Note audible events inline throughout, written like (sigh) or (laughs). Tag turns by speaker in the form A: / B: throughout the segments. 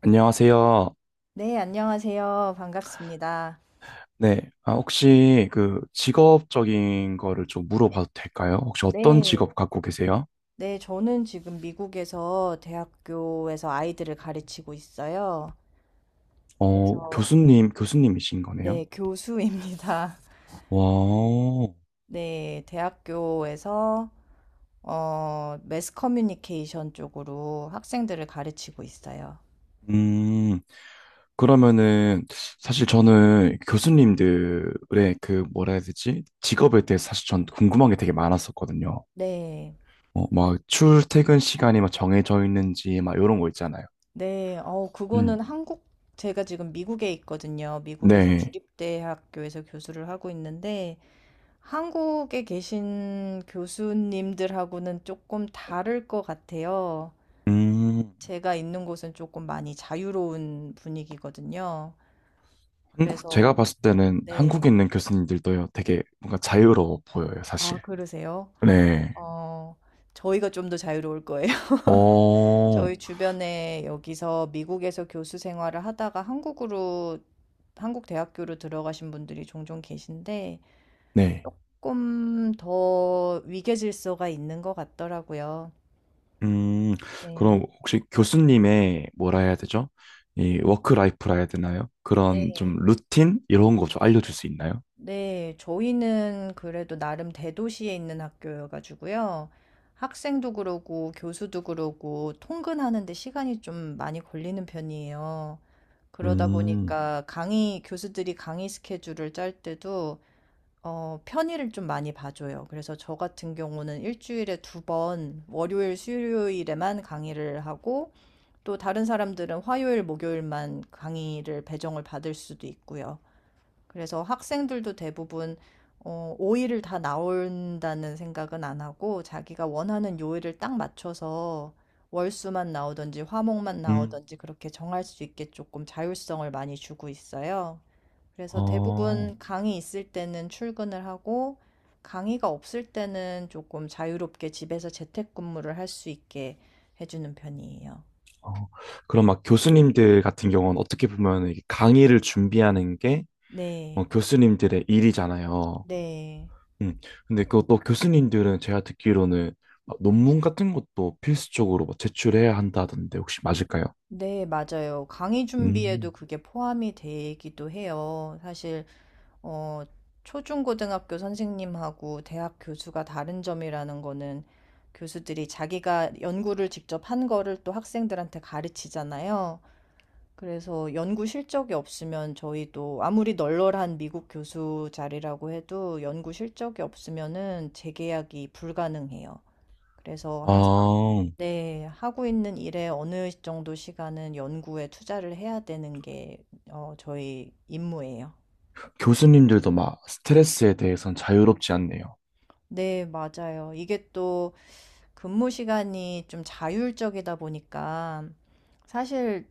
A: 안녕하세요.
B: 네, 안녕하세요. 반갑습니다.
A: 네. 아, 혹시 그 직업적인 거를 좀 물어봐도 될까요? 혹시 어떤
B: 네,
A: 직업 갖고 계세요?
B: 네, 저는 지금 미국에서 대학교에서 아이들을 가르치고 있어요. 그래서,
A: 교수님이신 거네요?
B: 네, 교수입니다. (laughs)
A: 와,
B: 네, 대학교에서, 매스 커뮤니케이션 쪽으로 학생들을 가르치고 있어요.
A: 음, 그러면은 사실 저는 교수님들의 그 뭐라 해야 되지? 직업에 대해서 사실 전 궁금한 게 되게 많았었거든요.
B: 네,
A: 막 출퇴근 시간이 막 정해져 있는지 막 이런 거 있잖아요.
B: 네, 그거는
A: 음,
B: 한국, 제가 지금 미국에 있거든요. 미국에서
A: 네.
B: 주립대학교에서 교수를 하고 있는데, 한국에 계신 교수님들하고는 조금 다를 것 같아요.
A: 음,
B: 제가 있는 곳은 조금 많이 자유로운 분위기거든요.
A: 한국 제가
B: 그래서,
A: 봤을 때는 한국에
B: 네.
A: 있는 교수님들도요, 되게 뭔가 자유로워 보여요,
B: 아,
A: 사실.
B: 그러세요?
A: 네.
B: 어, 저희가 좀 더 자유로울 거예요. (laughs)
A: 어,
B: 저희 주변에 여기서 미국에서 교수 생활을 하다가 한국으로, 한국 대학교로 들어가신 분들이 종종 계신데,
A: 네.
B: 조금 더 위계질서가 있는 것 같더라고요.
A: 음, 그럼
B: 네.
A: 혹시 교수님의 뭐라 해야 되죠? 이 워크라이프라 해야 되나요? 그런 좀
B: 네.
A: 루틴 이런 거 좀 알려줄 수 있나요?
B: 네, 저희는 그래도 나름 대도시에 있는 학교여가지고요. 학생도 그러고 교수도 그러고 통근하는데 시간이 좀 많이 걸리는 편이에요. 그러다
A: 음,
B: 보니까 강의, 교수들이 강의 스케줄을 짤 때도 편의를 좀 많이 봐줘요. 그래서 저 같은 경우는 일주일에 두 번, 월요일, 수요일에만 강의를 하고 또 다른 사람들은 화요일, 목요일만 강의를 배정을 받을 수도 있고요. 그래서 학생들도 대부분 5일을 다 나온다는 생각은 안 하고 자기가 원하는 요일을 딱 맞춰서 월수만 나오든지 화목만
A: 음,
B: 나오든지 그렇게 정할 수 있게 조금 자율성을 많이 주고 있어요. 그래서
A: 어,
B: 대부분 강의 있을 때는 출근을 하고 강의가 없을 때는 조금 자유롭게 집에서 재택근무를 할 수 있게 해주는 편이에요.
A: 어. 그럼 막 교수님들 같은 경우는 어떻게 보면 이게 강의를 준비하는 게
B: 네,
A: 교수님들의 일이잖아요.
B: 네.
A: 음. 근데 그것도 교수님들은 제가 듣기로는 막 논문 같은 것도 필수적으로 막 제출해야 한다던데 혹시 맞을까요?
B: 네, 맞아요. 강의 준비에도
A: 음.
B: 그게 포함이 되기도 해요. 사실, 어, 초중고등학교 선생님하고 대학 교수가 다른 점이라는 거는 교수들이 자기가 연구를 직접 한 거를 또 학생들한테 가르치잖아요. 그래서 연구 실적이 없으면 저희도 아무리 널널한 미국 교수 자리라고 해도 연구 실적이 없으면은 재계약이 불가능해요. 그래서
A: 아,
B: 네. 하고 있는 일에 어느 정도 시간은 연구에 투자를 해야 되는 게 저희 임무예요.
A: 교수님들도 막 스트레스에 대해선 자유롭지 않네요.
B: 네. 맞아요. 이게 또 근무 시간이 좀 자율적이다 보니까 사실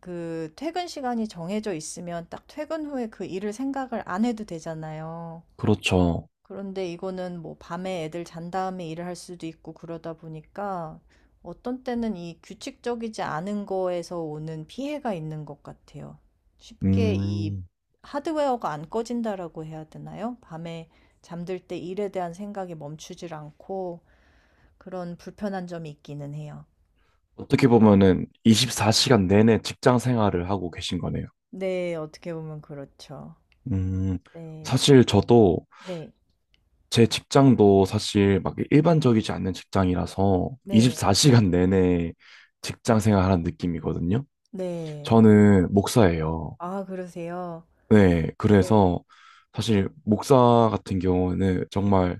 B: 그 퇴근 시간이 정해져 있으면 딱 퇴근 후에 그 일을 생각을 안 해도 되잖아요.
A: 그렇죠.
B: 그런데 이거는 뭐 밤에 애들 잔 다음에 일을 할 수도 있고 그러다 보니까 어떤 때는 이 규칙적이지 않은 거에서 오는 피해가 있는 것 같아요. 쉽게 이
A: 음.
B: 하드웨어가 안 꺼진다라고 해야 되나요? 밤에 잠들 때 일에 대한 생각이 멈추질 않고 그런 불편한 점이 있기는 해요.
A: 어떻게 보면은 24시간 내내 직장 생활을 하고 계신 거네요.
B: 네, 어떻게 보면 그렇죠.
A: 음.
B: 네,
A: 사실 저도
B: 네,
A: 제 직장도 사실 막 일반적이지 않는 직장이라서
B: 네,
A: 24시간 내내 직장 생활하는 느낌이거든요.
B: 네.
A: 저는 목사예요.
B: 아, 그러세요?
A: 네,
B: 네.
A: 그래서 사실 목사 같은 경우는 정말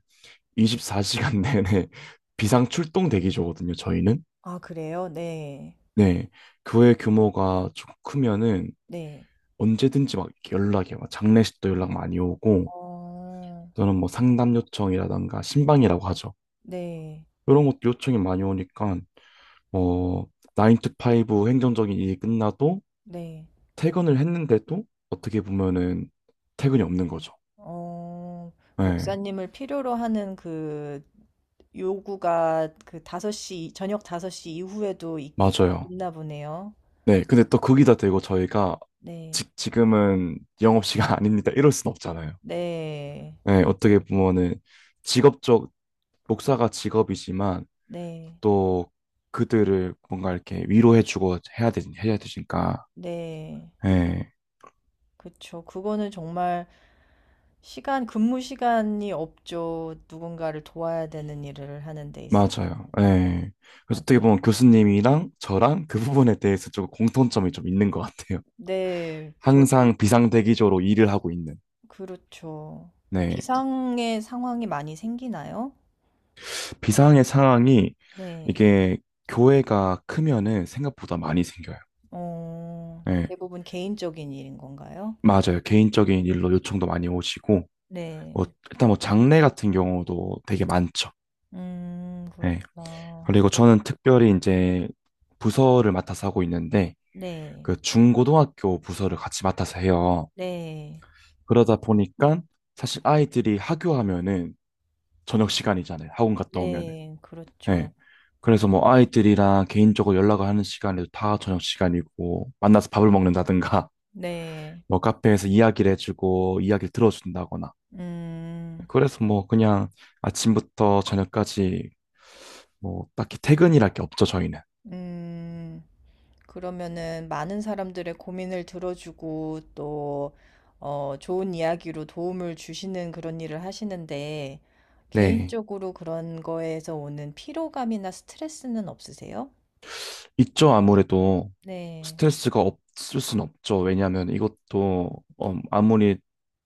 A: 24시간 내내 (laughs) 비상 출동 대기조거든요, 저희는.
B: 아, 그래요? 네,
A: 네, 교회 규모가 좀 크면은
B: 네.
A: 언제든지 막 이렇게 연락이 막 장례식도 연락 많이 오고
B: 어.
A: 저는 뭐 상담 요청이라던가 신방이라고 하죠.
B: 네.
A: 이런 것도 요청이 많이 오니까 어, 9 to 5 행정적인 일이 끝나도
B: 네.
A: 퇴근을 했는데도 어떻게 보면은 퇴근이 없는 거죠.
B: 어.
A: 네,
B: 목사님을 필요로 하는 그 요구가 그 다섯 시 저녁 5섯시 이후에도
A: 맞아요.
B: 있나 보네요.
A: 네, 근데 또 거기다 대고 저희가
B: 네.
A: 지금은 영업시간 (laughs) 아닙니다. 이럴 순 없잖아요.
B: 네.
A: 네, 어떻게 보면은 직업적, 목사가 직업이지만
B: 네.
A: 또 그들을 뭔가 이렇게 위로해주고 해야 되니까.
B: 네.
A: 네,
B: 그쵸. 그거는 정말 시간 근무 시간이 없죠. 누군가를 도와야 되는 일을 하는 데 있어서
A: 맞아요. 네. 그래서 어떻게
B: 맞아요.
A: 보면 교수님이랑 저랑 그 부분에 대해서 좀 공통점이 좀 있는 것 같아요.
B: 네.
A: 항상
B: 저도
A: 비상대기조로 일을 하고 있는.
B: 그렇죠.
A: 네.
B: 비상의 상황이 많이 생기나요?
A: 비상의 상황이
B: 네.
A: 이게 교회가 크면은 생각보다 많이 생겨요.
B: 어.
A: 예,
B: 대부분 개인적인 일인 건가요?
A: 맞아요. 개인적인 일로 요청도 많이 오시고, 뭐,
B: 네.
A: 일단 뭐 장례 같은 경우도 되게 많죠. 예.
B: 그렇구나.
A: 그리고 저는 특별히 이제 부서를 맡아서 하고 있는데,
B: 네.
A: 그 중고등학교 부서를 같이 맡아서 해요.
B: 네.
A: 그러다 보니까 사실 아이들이 학교하면은 저녁 시간이잖아요. 학원 갔다 오면은.
B: 네. 그렇죠.
A: 예. 그래서 뭐 아이들이랑 개인적으로 연락을 하는 시간에도 다 저녁 시간이고, 만나서 밥을 먹는다든가, (laughs)
B: 네.
A: 뭐 카페에서 이야기를 해주고, 이야기를 들어준다거나,
B: 음.
A: 그래서 뭐 그냥 아침부터 저녁까지 뭐 딱히 퇴근이랄 게 없죠, 저희는.
B: 음. 그러면은 많은 사람들의 고민을 들어주고 또 좋은 이야기로 도움을 주시는 그런 일을 하시는데
A: 네.
B: 개인적으로 그런 거에서 오는 피로감이나 스트레스는 없으세요?
A: 있죠, 아무래도
B: 네.
A: 스트레스가 없을 순 없죠. 왜냐하면 이것도 아무리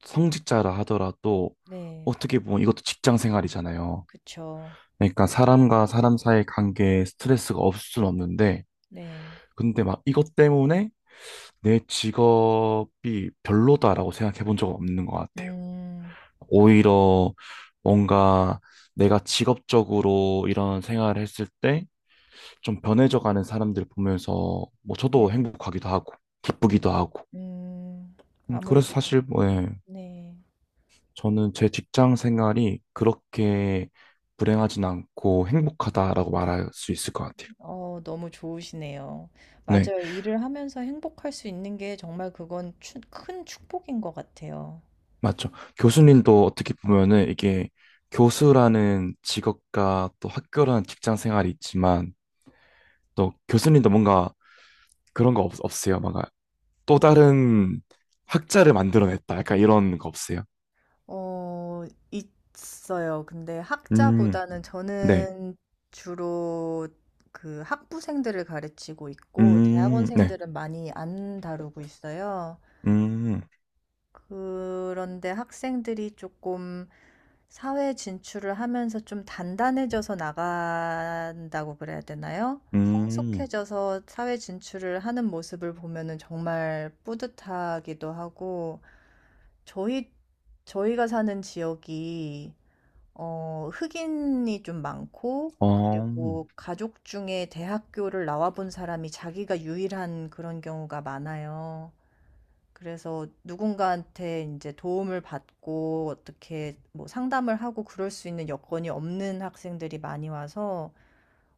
A: 성직자라 하더라도
B: 네.
A: 어떻게 보면 이것도 직장 생활이잖아요.
B: 그쵸.
A: 그러니까 사람과 사람 사이의 관계에 스트레스가 없을 순 없는데
B: 네.
A: 근데 막 이것 때문에 내 직업이 별로다라고 생각해 본 적은 없는 것 같아요.
B: 음.
A: 오히려 뭔가 내가 직업적으로 이런 생활을 했을 때 좀 변해져 가는 사람들 보면서 뭐 저도
B: 네.
A: 행복하기도 하고 기쁘기도 하고
B: 음.
A: 그래서
B: 아무래도
A: 사실 뭐 예,
B: 네.
A: 저는 제 직장 생활이 그렇게 불행하진 않고 행복하다라고 말할 수 있을 것 같아요.
B: 너무 좋으시네요.
A: 네,
B: 맞아요. 일을 하면서 행복할 수 있는 게 정말 그건 추 큰 축복인 것 같아요.
A: 맞죠. 교수님도 어떻게 보면은 이게 교수라는 직업과 또 학교라는 직장 생활이 있지만 또 교수님도 뭔가 그런 거 없으세요? 막 또 다른 학자를 만들어냈다. 약간 이런 거 없어요?
B: 어 있어요. 근데
A: 음,
B: 학자보다는
A: 네.
B: 저는 주로 그 학부생들을 가르치고 있고
A: 네.
B: 대학원생들은 많이 안 다루고 있어요.
A: 음,
B: 그런데 학생들이 조금 사회 진출을 하면서 좀 단단해져서 나간다고 그래야 되나요?
A: 음,
B: 성숙해져서 사회 진출을 하는 모습을 보면은 정말 뿌듯하기도 하고, 저희, 저희가 사는 지역이, 흑인이 좀 많고,
A: 어,
B: 그리고 가족 중에 대학교를 나와본 사람이 자기가 유일한 그런 경우가 많아요. 그래서 누군가한테 이제 도움을 받고 어떻게 뭐 상담을 하고 그럴 수 있는 여건이 없는 학생들이 많이 와서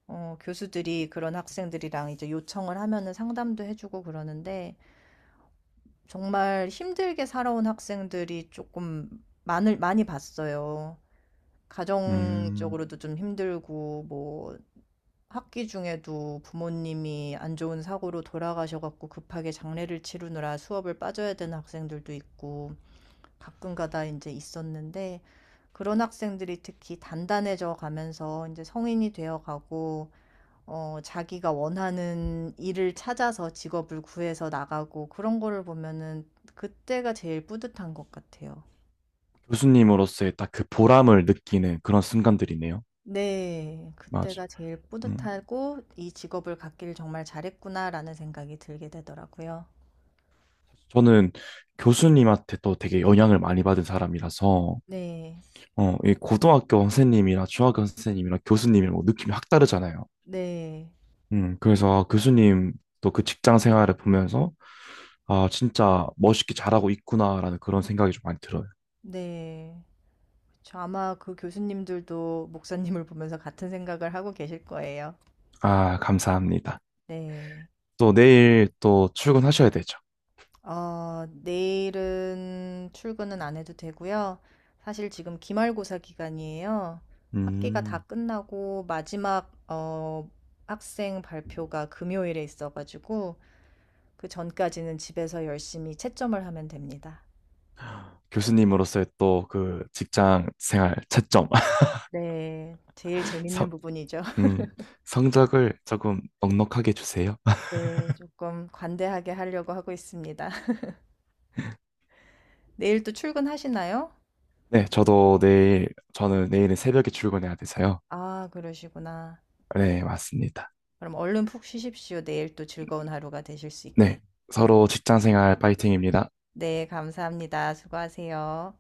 B: 교수들이 그런 학생들이랑 이제 요청을 하면은 상담도 해주고 그러는데 정말 힘들게 살아온 학생들이 조금 많을 많이 봤어요.
A: 음,
B: 가정적으로도 좀 힘들고 뭐 학기 중에도 부모님이 안 좋은 사고로 돌아가셔갖고 급하게 장례를 치르느라 수업을 빠져야 되는 학생들도 있고 가끔가다 이제 있었는데 그런 학생들이 특히 단단해져 가면서 이제 성인이 되어 가고 자기가 원하는 일을 찾아서 직업을 구해서 나가고 그런 거를 보면은 그때가 제일 뿌듯한 것 같아요.
A: 교수님으로서의 딱 그 보람을 느끼는 그런 순간들이네요.
B: 네.
A: 맞아.
B: 그때가 제일
A: 음,
B: 뿌듯하고 '이 직업을 갖기를 정말 잘했구나.'라는 생각이 들게 되더라고요.
A: 저는 교수님한테 또 되게 영향을 많이 받은 사람이라서
B: 네.
A: 이 고등학교 선생님이나 중학교 선생님이나 교수님이 뭐 느낌이 확 다르잖아요.
B: 네.
A: 그래서 아, 교수님 또 그 직장 생활을 보면서 아, 진짜 멋있게 잘하고 있구나라는 그런 생각이 좀 많이 들어요.
B: 네. 그쵸. 아마 그 교수님들도 목사님을 보면서 같은 생각을 하고 계실 거예요.
A: 아, 감사합니다.
B: 네.
A: 또 내일 또 출근하셔야 되죠.
B: 어, 내일은 출근은 안 해도 되고요. 사실 지금 기말고사 기간이에요. 학기가
A: 음,
B: 다 끝나고 마지막 학생 발표가 금요일에 있어가지고 그 전까지는 집에서 열심히 채점을 하면 됩니다.
A: 교수님으로서의 또 그 직장 생활 채점, (laughs)
B: 네. 제일
A: 성,
B: 재밌는 부분이죠. (laughs)
A: 음, 성적을 조금 넉넉하게 주세요. (laughs)
B: 네. 조금 관대하게 하려고 하고 있습니다. (laughs) 내일 또 출근하시나요?
A: 네, 저도 내일, 저는 내일은 새벽에 출근해야 돼서요.
B: 아, 그러시구나. 네.
A: 네, 맞습니다.
B: 그럼 얼른 푹 쉬십시오. 내일 또 즐거운 하루가 되실 수 있게.
A: 네, 서로 직장 생활 파이팅입니다.
B: 네, 감사합니다. 수고하세요.